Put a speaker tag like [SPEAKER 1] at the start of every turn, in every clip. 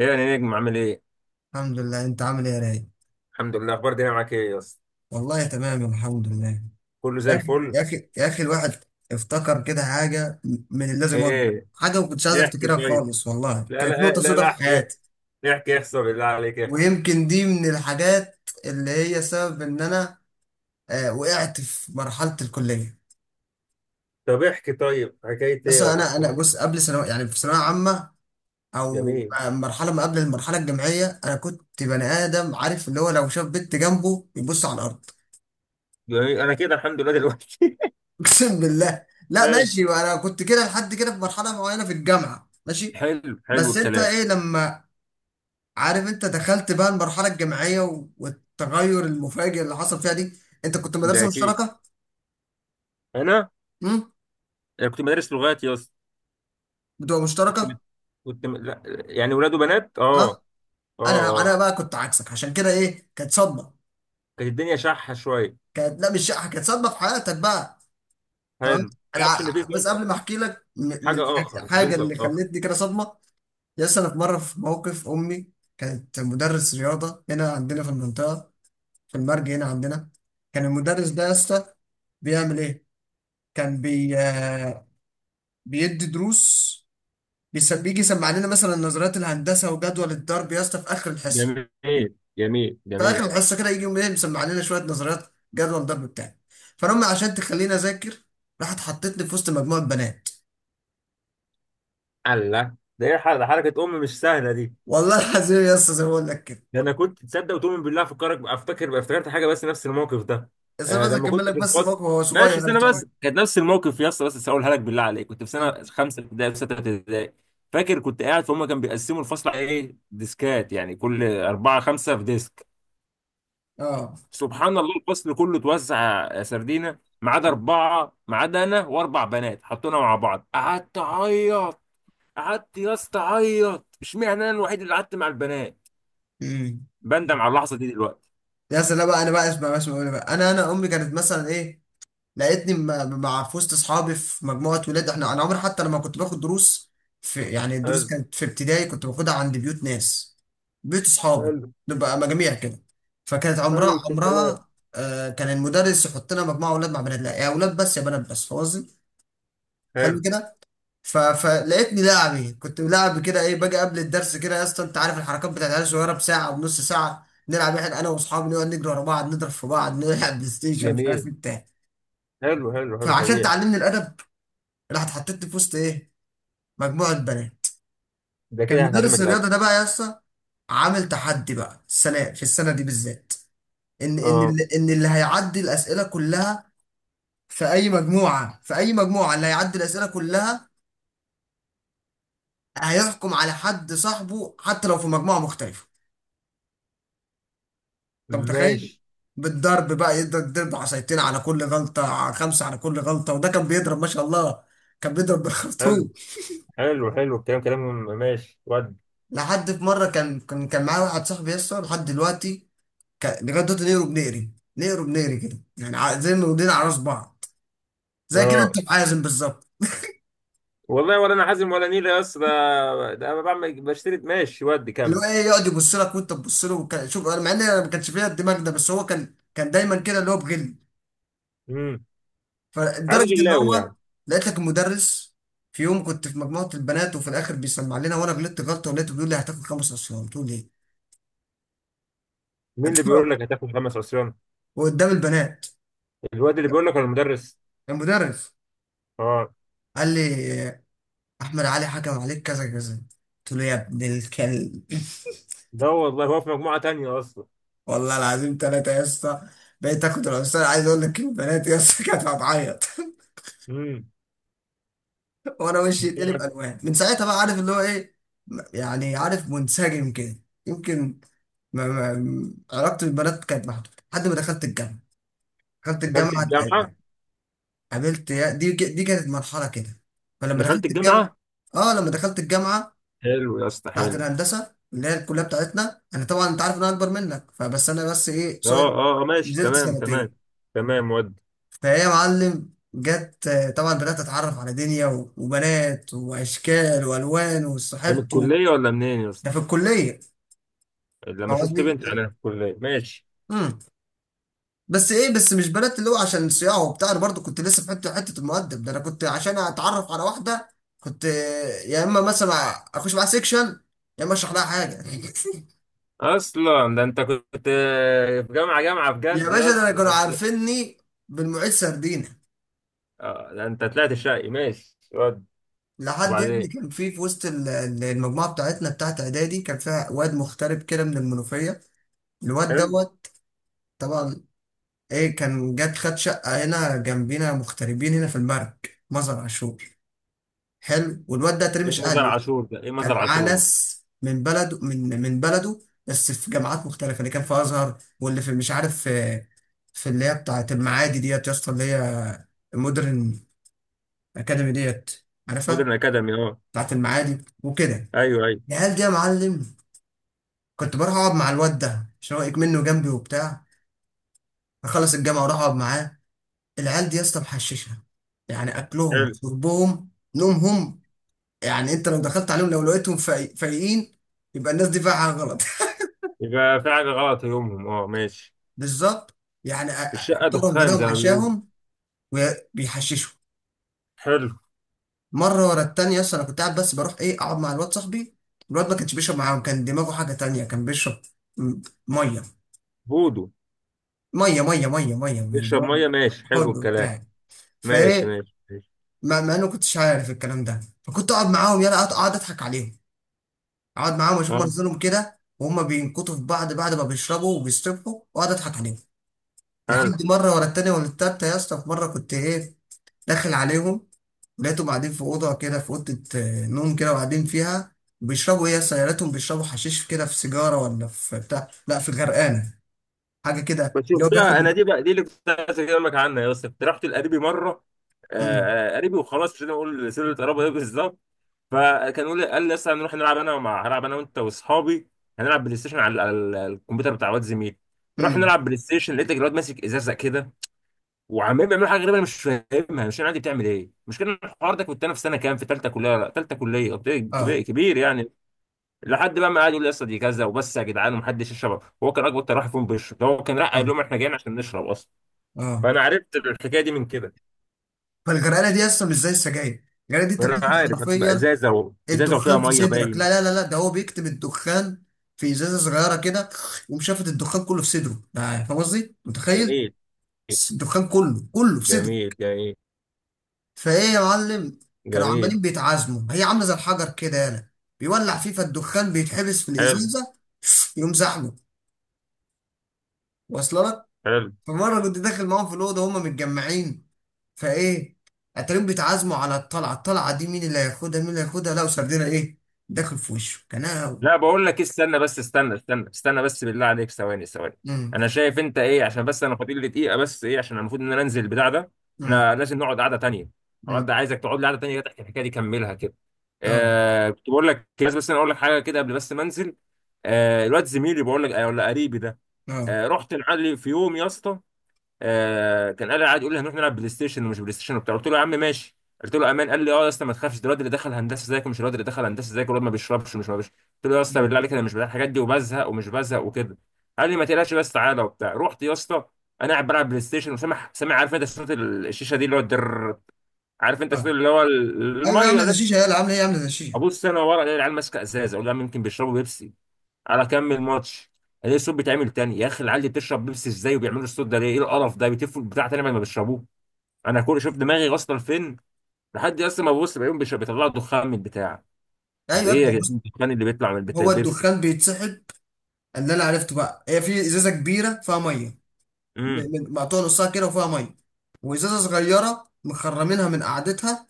[SPEAKER 1] ايه يا نجم، عامل ايه؟
[SPEAKER 2] الحمد لله، انت عامل ايه يا رايق؟
[SPEAKER 1] الحمد لله. اخبار الدنيا معاك ايه يا اسطى؟
[SPEAKER 2] والله تمام، الحمد لله.
[SPEAKER 1] كله زي
[SPEAKER 2] يا اخي
[SPEAKER 1] الفل؟
[SPEAKER 2] يا اخي يا اخي، الواحد افتكر كده حاجه من اللي لازم أقول.
[SPEAKER 1] ايه؟
[SPEAKER 2] حاجه ما كنتش عايز
[SPEAKER 1] احكي
[SPEAKER 2] افتكرها
[SPEAKER 1] طيب.
[SPEAKER 2] خالص، والله
[SPEAKER 1] لا
[SPEAKER 2] كانت
[SPEAKER 1] لا
[SPEAKER 2] نقطه
[SPEAKER 1] لا
[SPEAKER 2] سوداء
[SPEAKER 1] لا،
[SPEAKER 2] في
[SPEAKER 1] احكي.
[SPEAKER 2] حياتي.
[SPEAKER 1] احكي، احسن بالله عليك احكي.
[SPEAKER 2] ويمكن دي من الحاجات اللي هي سبب ان انا وقعت في مرحله الكليه.
[SPEAKER 1] طب احكي طيب، حكاية
[SPEAKER 2] بس
[SPEAKER 1] ايه ولا
[SPEAKER 2] انا
[SPEAKER 1] حوار
[SPEAKER 2] بص،
[SPEAKER 1] إيه؟
[SPEAKER 2] قبل ثانوي يعني، في ثانويه عامه او
[SPEAKER 1] جميل.
[SPEAKER 2] مرحله ما قبل المرحله الجامعيه. انا كنت بني ادم عارف، اللي هو لو شاف بنت جنبه يبص على الارض.
[SPEAKER 1] جميل، انا كده الحمد لله دلوقتي.
[SPEAKER 2] اقسم بالله، لا ماشي،
[SPEAKER 1] ماشي.
[SPEAKER 2] انا كنت كده لحد كده في مرحله معينه في الجامعه، ماشي.
[SPEAKER 1] حلو حلو
[SPEAKER 2] بس انت
[SPEAKER 1] الكلام.
[SPEAKER 2] ايه لما، عارف، انت دخلت بقى المرحله الجامعيه والتغير المفاجئ اللي حصل فيها دي. انت كنت
[SPEAKER 1] ده
[SPEAKER 2] مدرسه
[SPEAKER 1] اكيد.
[SPEAKER 2] مشتركه؟
[SPEAKER 1] انا
[SPEAKER 2] امم
[SPEAKER 1] أنا كنت مدرس لغات يا اسطى.
[SPEAKER 2] بتبقى مشتركه.
[SPEAKER 1] كنت كنت لا يعني ولاد وبنات،
[SPEAKER 2] اه.
[SPEAKER 1] اه. اه.
[SPEAKER 2] انا
[SPEAKER 1] اه،
[SPEAKER 2] انا بقى كنت عكسك، عشان كده ايه، كانت صدمه.
[SPEAKER 1] كانت الدنيا شحة شوية.
[SPEAKER 2] كانت لا مش شقه، كانت صدمه في حياتك بقى. تمام.
[SPEAKER 1] حلو ما.
[SPEAKER 2] انا
[SPEAKER 1] اعرفش ان في
[SPEAKER 2] بس قبل ما احكي لك من
[SPEAKER 1] حاجة،
[SPEAKER 2] حاجه
[SPEAKER 1] اخر
[SPEAKER 2] حاجة
[SPEAKER 1] جنس
[SPEAKER 2] اللي
[SPEAKER 1] اخر.
[SPEAKER 2] خلتني كده صدمه، يس، انا في مره في موقف، امي كانت مدرس رياضه هنا عندنا في المنطقه، في المرج هنا عندنا. كان المدرس ده يا اسطى بيعمل ايه؟ كان بي آه، بيدي دروس، بيجي يسمع لنا مثلا نظريات الهندسه وجدول الضرب يا اسطى في اخر الحصه.
[SPEAKER 1] جميل جميل
[SPEAKER 2] في اخر
[SPEAKER 1] جميل.
[SPEAKER 2] الحصه كده يجي يقوم إيه مسمع لنا شويه نظريات جدول الضرب بتاعي. فانا أمي عشان تخليني اذاكر، راحت حطتني في وسط مجموعه بنات.
[SPEAKER 1] الله، ده ايه حركه حركه، ام مش سهله دي.
[SPEAKER 2] والله العظيم يا اسطى زي ما بقول لك كده.
[SPEAKER 1] ده انا كنت تصدق وتؤمن بالله، افكرك افتكر افتكرت حاجه بس نفس الموقف ده.
[SPEAKER 2] بس انا
[SPEAKER 1] آه
[SPEAKER 2] بس
[SPEAKER 1] لما
[SPEAKER 2] اكمل
[SPEAKER 1] كنت
[SPEAKER 2] لك،
[SPEAKER 1] في
[SPEAKER 2] بس
[SPEAKER 1] الفصل.
[SPEAKER 2] الموقف هو صغير
[SPEAKER 1] ماشي،
[SPEAKER 2] انا مش
[SPEAKER 1] سنه بس.
[SPEAKER 2] طويل.
[SPEAKER 1] كانت نفس الموقف يا اسطى، بس هقولها لك بالله عليك. كنت في
[SPEAKER 2] مم.
[SPEAKER 1] سنه خمسه ابتدائي في سته ابتدائي. فاكر كنت قاعد فهم، كانوا بيقسموا الفصل على ايه، ديسكات، يعني كل اربعه خمسه في ديسك.
[SPEAKER 2] اه.
[SPEAKER 1] سبحان الله، الفصل كله اتوزع يا سردينه ما عدا اربعه. ما عدا انا واربع بنات، حطونا مع بعض. قعدت اعيط. قعدت يا اسطى اعيط، اشمعنى انا الوحيد اللي قعدت مع البنات.
[SPEAKER 2] امم
[SPEAKER 1] بندم على اللحظه دي دلوقتي.
[SPEAKER 2] يا سلام بقى، انا بقى اسمع بقى اسمع بقى، بقى. انا امي كانت مثلا ايه، لقيتني مع في وسط اصحابي في مجموعه ولاد. احنا انا عمري، حتى لما كنت باخد دروس، في يعني الدروس
[SPEAKER 1] حلو
[SPEAKER 2] كانت في ابتدائي كنت باخدها عند بيوت ناس، بيوت اصحابي،
[SPEAKER 1] حلو
[SPEAKER 2] نبقى مجاميع كده. فكانت عمرها
[SPEAKER 1] حلو الكلام.
[SPEAKER 2] عمرها كان المدرس يحط لنا مجموعه اولاد مع بنات، لا، يا اولاد بس يا بنات بس، فاهم قصدي؟ حلو
[SPEAKER 1] حلو.
[SPEAKER 2] كده. فلقيتني لاعب ايه، كنت لاعب كده ايه، باجي قبل الدرس كده يا اسطى، انت عارف الحركات بتاعت العيال الصغيره، بساعه ونص ساعه نلعب احنا، انا واصحابي نقعد نجري ورا بعض، نضرب في بعض، نلعب بلاي ستيشن، مش عارف
[SPEAKER 1] جميل.
[SPEAKER 2] ايه بتاع.
[SPEAKER 1] حلو حلو حلو،
[SPEAKER 2] فعشان
[SPEAKER 1] طبيعي.
[SPEAKER 2] تعلمني الادب، راح اتحطيت في وسط ايه، مجموعه بنات.
[SPEAKER 1] ده
[SPEAKER 2] كان
[SPEAKER 1] كده
[SPEAKER 2] مدرس
[SPEAKER 1] هتعلمك الأدب.
[SPEAKER 2] الرياضه ده بقى يا اسطى عامل تحدي بقى السنه، في السنه دي بالذات، ان ان
[SPEAKER 1] اه،
[SPEAKER 2] اللي ان اللي هيعدي الاسئله كلها في اي مجموعه، اللي هيعدي الاسئله كلها هيحكم على حد صاحبه حتى لو في مجموعه مختلفه. انت متخيل؟
[SPEAKER 1] ماشي.
[SPEAKER 2] بالضرب بقى، يقدر يضرب عصايتين على كل غلطه، على خمسه على كل غلطه، وده كان بيضرب ما شاء الله. كان بيضرب
[SPEAKER 1] حلو
[SPEAKER 2] بالخرطوم.
[SPEAKER 1] حلو حلو الكلام كلام. ماشي ود.
[SPEAKER 2] لحد في مره، كان معايا واحد صاحبي يسطا لحد دلوقتي، لغايه دلوقتي نقره بنقري، نقره بنقري كده يعني، زي ما ودينا على راس بعض، زي كده
[SPEAKER 1] اه.
[SPEAKER 2] انت معازم بالظبط.
[SPEAKER 1] والله ولا انا حازم ولا نيلة يا اسطى. ده انا بعمل بشتري، ماشي ود،
[SPEAKER 2] اللي هو
[SPEAKER 1] كمل.
[SPEAKER 2] ايه، يقعد يبص لك وانت تبص له، شوف، انا مع ان انا ما كانش فيا الدماغ ده، بس هو كان دايما كده، اللي هو بغل.
[SPEAKER 1] امم. عاد
[SPEAKER 2] فلدرجه ان
[SPEAKER 1] غلاوي
[SPEAKER 2] هو،
[SPEAKER 1] يعني.
[SPEAKER 2] لقيت لك المدرس في يوم، كنت في مجموعه البنات وفي الاخر بيسمع لنا، وانا غلطت غلطه ولقيته بيقول لي هتاخد خمس اصفار. قلت له ليه؟
[SPEAKER 1] مين اللي بيقول لك هتاخد خمس عصيان؟
[SPEAKER 2] وقدام البنات.
[SPEAKER 1] الواد اللي بيقول لك ولا المدرس؟
[SPEAKER 2] المدرس
[SPEAKER 1] اه.
[SPEAKER 2] قال لي احمد علي حكم عليك كذا كذا. قلت له يا ابن الكلب،
[SPEAKER 1] ده والله هو في مجموعة تانية اصلا.
[SPEAKER 2] والله العظيم ثلاثة يا اسطى. بقيت اخد الاستاذ، عايز اقول لك، البنات يا اسطى كانت هتعيط
[SPEAKER 1] امم.
[SPEAKER 2] وانا وشي يتقلب الوان، من ساعتها بقى عارف اللي هو ايه، يعني عارف منسجم كده. يمكن ما علاقتي بالبنات كانت محدودة لحد ما دخلت الجامعة. دخلت
[SPEAKER 1] دخلت
[SPEAKER 2] الجامعة،
[SPEAKER 1] الجامعة.
[SPEAKER 2] قابلت يا دي، دي كانت مرحلة كده. فلما
[SPEAKER 1] دخلت
[SPEAKER 2] دخلت الجامعة،
[SPEAKER 1] الجامعة.
[SPEAKER 2] اه لما دخلت الجامعة
[SPEAKER 1] حلو يا اسطى
[SPEAKER 2] بتاعت
[SPEAKER 1] حلو.
[SPEAKER 2] الهندسة اللي هي الكلية بتاعتنا، انا طبعا انت عارف ان انا اكبر منك، فبس انا بس ايه
[SPEAKER 1] اه.
[SPEAKER 2] قصير،
[SPEAKER 1] اه. ماشي،
[SPEAKER 2] نزلت
[SPEAKER 1] تمام تمام.
[SPEAKER 2] سنتين.
[SPEAKER 1] تمام ود.
[SPEAKER 2] فهي يا معلم جت طبعا بدأت أتعرف على دنيا وبنات وأشكال وألوان
[SPEAKER 1] ده من
[SPEAKER 2] وصاحبت و-.
[SPEAKER 1] الكلية ولا منين يا اسطى؟
[SPEAKER 2] ده في الكلية،
[SPEAKER 1] لما
[SPEAKER 2] فاهم
[SPEAKER 1] شفت
[SPEAKER 2] قصدي؟
[SPEAKER 1] بنت انا في الكلية، ماشي.
[SPEAKER 2] امم بس إيه، بس مش بنات اللي هو عشان صياعه وبتاع، أنا برضه كنت لسه في حتة حتة المؤدب ده، أنا كنت عشان أتعرف على واحدة كنت يا إما مثلا أخش معاها سيكشن، يا إما أشرح لها حاجة
[SPEAKER 1] اصلا ده انت كنت، في جامعة جامعة
[SPEAKER 2] يا
[SPEAKER 1] بجد
[SPEAKER 2] باشا،
[SPEAKER 1] يا
[SPEAKER 2] ده أنا
[SPEAKER 1] اسطى،
[SPEAKER 2] كانوا
[SPEAKER 1] ده انت.
[SPEAKER 2] عارفيني بالمعيد سردينة.
[SPEAKER 1] ده انت طلعت شقي، ماشي ود.
[SPEAKER 2] لحد يا
[SPEAKER 1] وبعدين.
[SPEAKER 2] ابني كان في وسط المجموعة بتاعتنا بتاعت إعدادي، كان فيها واد مغترب كده من المنوفية. الواد
[SPEAKER 1] حلو.
[SPEAKER 2] دوت طبعا ايه، كان جت خد شقة هنا جنبينا، مغتربين هنا في المرج، مزرعة عاشور. حلو، والواد ده تري
[SPEAKER 1] ايه
[SPEAKER 2] مش
[SPEAKER 1] مزار
[SPEAKER 2] اهله،
[SPEAKER 1] عاشور ده؟ ايه
[SPEAKER 2] كان
[SPEAKER 1] مزار
[SPEAKER 2] معاه
[SPEAKER 1] عاشور ده؟
[SPEAKER 2] ناس من بلده، من بلده، بس في جامعات مختلفة. اللي كان في أزهر، واللي في مش عارف في، في اللي هي بتاعة المعادي ديت يا اسطى، اللي هي مودرن أكاديمي، ديت عارفها،
[SPEAKER 1] مودرن اكاديمي، اه.
[SPEAKER 2] بتاعة المعادي وكده.
[SPEAKER 1] ايوه ايوه.
[SPEAKER 2] العيال دي يا معلم، كنت بروح أقعد مع الواد ده عشان هو منه جنبي وبتاع، أخلص الجامعة وأروح أقعد معاه. العيال دي يا اسطى محششه، يعني اكلهم،
[SPEAKER 1] حلو.
[SPEAKER 2] شربهم، نومهم، يعني انت لو دخلت عليهم لو لقيتهم فايقين يبقى الناس دي فيها حاجه غلط
[SPEAKER 1] يبقى في حاجة غلط يومهم، اه ماشي.
[SPEAKER 2] بالظبط. يعني
[SPEAKER 1] الشقة
[SPEAKER 2] فطارهم
[SPEAKER 1] دخان
[SPEAKER 2] غداهم
[SPEAKER 1] زي ما بيقولوا.
[SPEAKER 2] عشاهم وبيحششوا.
[SPEAKER 1] حلو.
[SPEAKER 2] مره ورا التانيه اصلا، انا كنت قاعد بس، بروح ايه اقعد مع الواد صاحبي. الواد ما كانش بيشرب معاهم، كان دماغه حاجه تانيه، كان بيشرب م- ميه
[SPEAKER 1] بودو.
[SPEAKER 2] ميه ميه ميه ميه من
[SPEAKER 1] بيشرب ميه، ماشي، حلو
[SPEAKER 2] الحوض
[SPEAKER 1] الكلام.
[SPEAKER 2] بتاعي.
[SPEAKER 1] ماشي
[SPEAKER 2] فايه،
[SPEAKER 1] ماشي ماشي.
[SPEAKER 2] ما انا كنتش عارف الكلام ده، فكنت اقعد معاهم، يلا اقعد، اضحك عليهم. اقعد معاهم اشوف
[SPEAKER 1] اه.
[SPEAKER 2] منظرهم كده، وهم بينكتوا في بعض بعد ما بيشربوا وبيستبحوا، واقعد اضحك عليهم.
[SPEAKER 1] حلو.
[SPEAKER 2] لحد مره ورا التانيه ولا التالته يا اسطى، في مره كنت ايه، داخل عليهم لقيتهم قاعدين في اوضه كده، في اوضه نوم كده، وقاعدين فيها بيشربوا ايه يا اسطى؟ يا ريتهم بيشربوا حشيش كده في سيجاره ولا في بتاع، لا، في غرقانه، حاجه كده
[SPEAKER 1] بس
[SPEAKER 2] اللي هو
[SPEAKER 1] شفتها انا
[SPEAKER 2] بياخد.
[SPEAKER 1] دي بقى، دي اللي كنت عايز اكلمك عنها يا اسطى. كنت رحت لقريبي مره.
[SPEAKER 2] امم،
[SPEAKER 1] قريبي وخلاص، مش هنقول سر القرابه ايه بالظبط. فكان يقول لي، قال لي لسه هنروح نلعب، انا مع هلعب انا وانت واصحابي. هنلعب بلاي ستيشن على الكمبيوتر بتاع واد زميلي. رحنا
[SPEAKER 2] امم،
[SPEAKER 1] نلعب بلاي ستيشن، لقيت الواد ماسك ازازه كده، وعمال بيعملوا حاجه غريبه انا مش فاهمها. مش انا عادي بتعمل ايه، مش كان الحوار ده. كنت انا في سنه كام؟ في ثالثه كليه. لا ثالثه كليه، قلت
[SPEAKER 2] اه،
[SPEAKER 1] كبير كبير يعني. لحد بقى ما قعد يقول لي، يا اسطى دي كذا وبس، يا جدعان ومحدش يشرب، هو كان اكبر ترحم فيهم بيشرب ده. هو كان راح قال
[SPEAKER 2] اه،
[SPEAKER 1] لهم احنا جايين عشان نشرب اصلا.
[SPEAKER 2] اه،
[SPEAKER 1] فانا عرفت الحكايه دي من كده.
[SPEAKER 2] فالغرقانه دي يا اسطى مش زي السجاير الغرقانه دي انت
[SPEAKER 1] انا
[SPEAKER 2] بتاخد
[SPEAKER 1] عارف هتبقى
[SPEAKER 2] حرفيا
[SPEAKER 1] ازازه و ازازه وفيها
[SPEAKER 2] الدخان في
[SPEAKER 1] ميه
[SPEAKER 2] صدرك
[SPEAKER 1] باين.
[SPEAKER 2] لا لا لا لا ده هو بيكتم الدخان في ازازه صغيره كده ومشافت الدخان كله في صدره ده فاهم قصدي متخيل
[SPEAKER 1] جميل
[SPEAKER 2] الدخان كله كله في صدره
[SPEAKER 1] جميل جميل
[SPEAKER 2] فايه يا معلم كانوا
[SPEAKER 1] جميل.
[SPEAKER 2] عمالين بيتعازموا هي عامله زي الحجر كده يالا بيولع فيه فالدخان بيتحبس في
[SPEAKER 1] حلو
[SPEAKER 2] الازازه يقوم زحمه واصل لك
[SPEAKER 1] حلو.
[SPEAKER 2] فمره كنت داخل معاهم في الاوضه هما متجمعين فايه اتاريهم بيتعازموا على الطلعه الطلعه دي مين اللي هياخدها مين اللي هياخدها لقوا سردينه ايه داخل في وشه كان
[SPEAKER 1] لا
[SPEAKER 2] أنا-
[SPEAKER 1] بقول لك استنى بس، استنى استنى استنى بس، بالله عليك ثواني ثواني.
[SPEAKER 2] مم.
[SPEAKER 1] انا شايف انت ايه، عشان بس انا فاضل لي دقيقه بس، ايه عشان المفروض ان انا انزل البتاع ده. احنا لازم نقعد قعده تانيه. الحوار
[SPEAKER 2] مم.
[SPEAKER 1] ده عايزك تقعد لي قعده تانيه كده تحكي الحكايه دي، كملها كده.
[SPEAKER 2] اه
[SPEAKER 1] آه كنت بقول لك، بس انا اقول لك حاجه كده قبل بس ما انزل. آه، الواد زميلي بقول لك، ولا قريبي ده.
[SPEAKER 2] اه
[SPEAKER 1] آه، رحت لعلي في يوم يا اسطى. آه كان قال، قاعد يقول لي هنروح نلعب بلاي ستيشن ومش بلاي ستيشن وبتاع، قلت له يا عم ماشي. قلت له امان، قال لي اه يا اسطى ما تخافش، ده الواد اللي دخل هندسه زيك ومش الواد اللي دخل هندسه زيك، والواد ما بيشربش ومش ما بيشربش. قلت له يا اسطى بالله
[SPEAKER 2] اه
[SPEAKER 1] عليك، انا مش بتاع الحاجات دي، وبزهق ومش بزهق وكده. قال لي ما تقلقش بس تعالى وبتاع، رحت يا اسطى. انا قاعد بلعب بلاي ستيشن، وسامع عارف انت صوت الشيشه دي، اللي هو الدر. عارف انت صوت
[SPEAKER 2] آه.
[SPEAKER 1] اللي هو ال-
[SPEAKER 2] ايوه
[SPEAKER 1] الميه
[SPEAKER 2] عامله
[SPEAKER 1] ده.
[SPEAKER 2] هشيشه، يلا عامله ايه، عامله هشيشه.
[SPEAKER 1] ابص انا ورا، الاقي العيال ماسكه ازازه، اقول لها يمكن بيشربوا بيبسي. على كمل ماتش. الاقي الصوت بيتعمل تاني. يا اخي العيال دي بتشرب بيبسي ازاي وبيعملوا الصوت ده ليه؟ ايه القرف ده، بيتفوا البتاع تاني بعد ما بيشربوه. انا كل شوف دماغي واصله لفين. لحد اصلا ما ببص، بلاقيهم بيطلعوا دخان من البتاع. طب
[SPEAKER 2] ايوه
[SPEAKER 1] ايه يا
[SPEAKER 2] ابدا بص،
[SPEAKER 1] جدعان، الدخان اللي بيطلع من البتاع
[SPEAKER 2] هو
[SPEAKER 1] بيبسي؟
[SPEAKER 2] الدخان بيتسحب. اللي انا عرفته بقى هي في ازازه كبيره فيها ميه،
[SPEAKER 1] امم
[SPEAKER 2] مقطوعه نصها كده وفيها ميه، وازازه صغيره مخرمينها من قعدتها.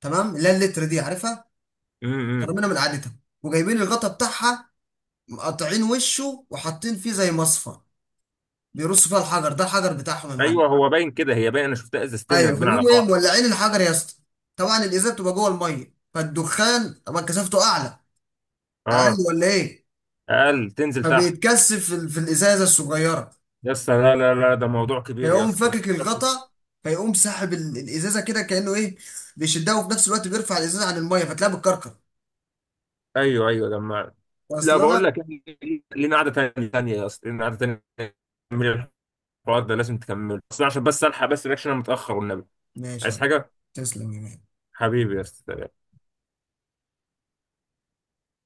[SPEAKER 2] تمام، اللي هي اللتر دي، عارفها،
[SPEAKER 1] امم امم.
[SPEAKER 2] مخرمينها من قعدتها وجايبين الغطا بتاعها، مقطعين وشه وحاطين فيه زي مصفى، بيرصوا فيها الحجر ده، الحجر بتاعهم يا معلم.
[SPEAKER 1] ايوه هو باين كده، هي باين، انا شفتها ازازتين
[SPEAKER 2] ايوه،
[SPEAKER 1] راكبين على
[SPEAKER 2] فبيقوموا ايه،
[SPEAKER 1] بعض.
[SPEAKER 2] مولعين الحجر يا اسطى، طبعا الازازه بتبقى جوه الميه، فالدخان طبعا كثافته اعلى اقل
[SPEAKER 1] اه.
[SPEAKER 2] ولا ايه،
[SPEAKER 1] اقل تنزل تحت.
[SPEAKER 2] فبيتكثف في الازازه الصغيره،
[SPEAKER 1] يا اسطى لا لا لا، ده موضوع كبير، يا
[SPEAKER 2] فيقوم
[SPEAKER 1] اسطى ده
[SPEAKER 2] فاكك
[SPEAKER 1] موضوع كبير.
[SPEAKER 2] الغطا، فيقوم ساحب الازازه كده، كانه ايه، بيشدها وفي نفس الوقت بيرفع الازازه عن الميه، فتلاقيها بتكركر.
[SPEAKER 1] ايوه ايوه لما. لا
[SPEAKER 2] واصله
[SPEAKER 1] بقول
[SPEAKER 2] لك.
[SPEAKER 1] لك، إحنا لينا قعده تانيه تانيه يا اسطى، لينا قعده تانيه. من الحوار ده لازم تكمله، بس عشان بس الحق بس رياكشن انا متاخر والنبي.
[SPEAKER 2] ماشي يا
[SPEAKER 1] عايز
[SPEAKER 2] عم.
[SPEAKER 1] حاجه.
[SPEAKER 2] تسلم يا مان.
[SPEAKER 1] حبيبي يا اسطى.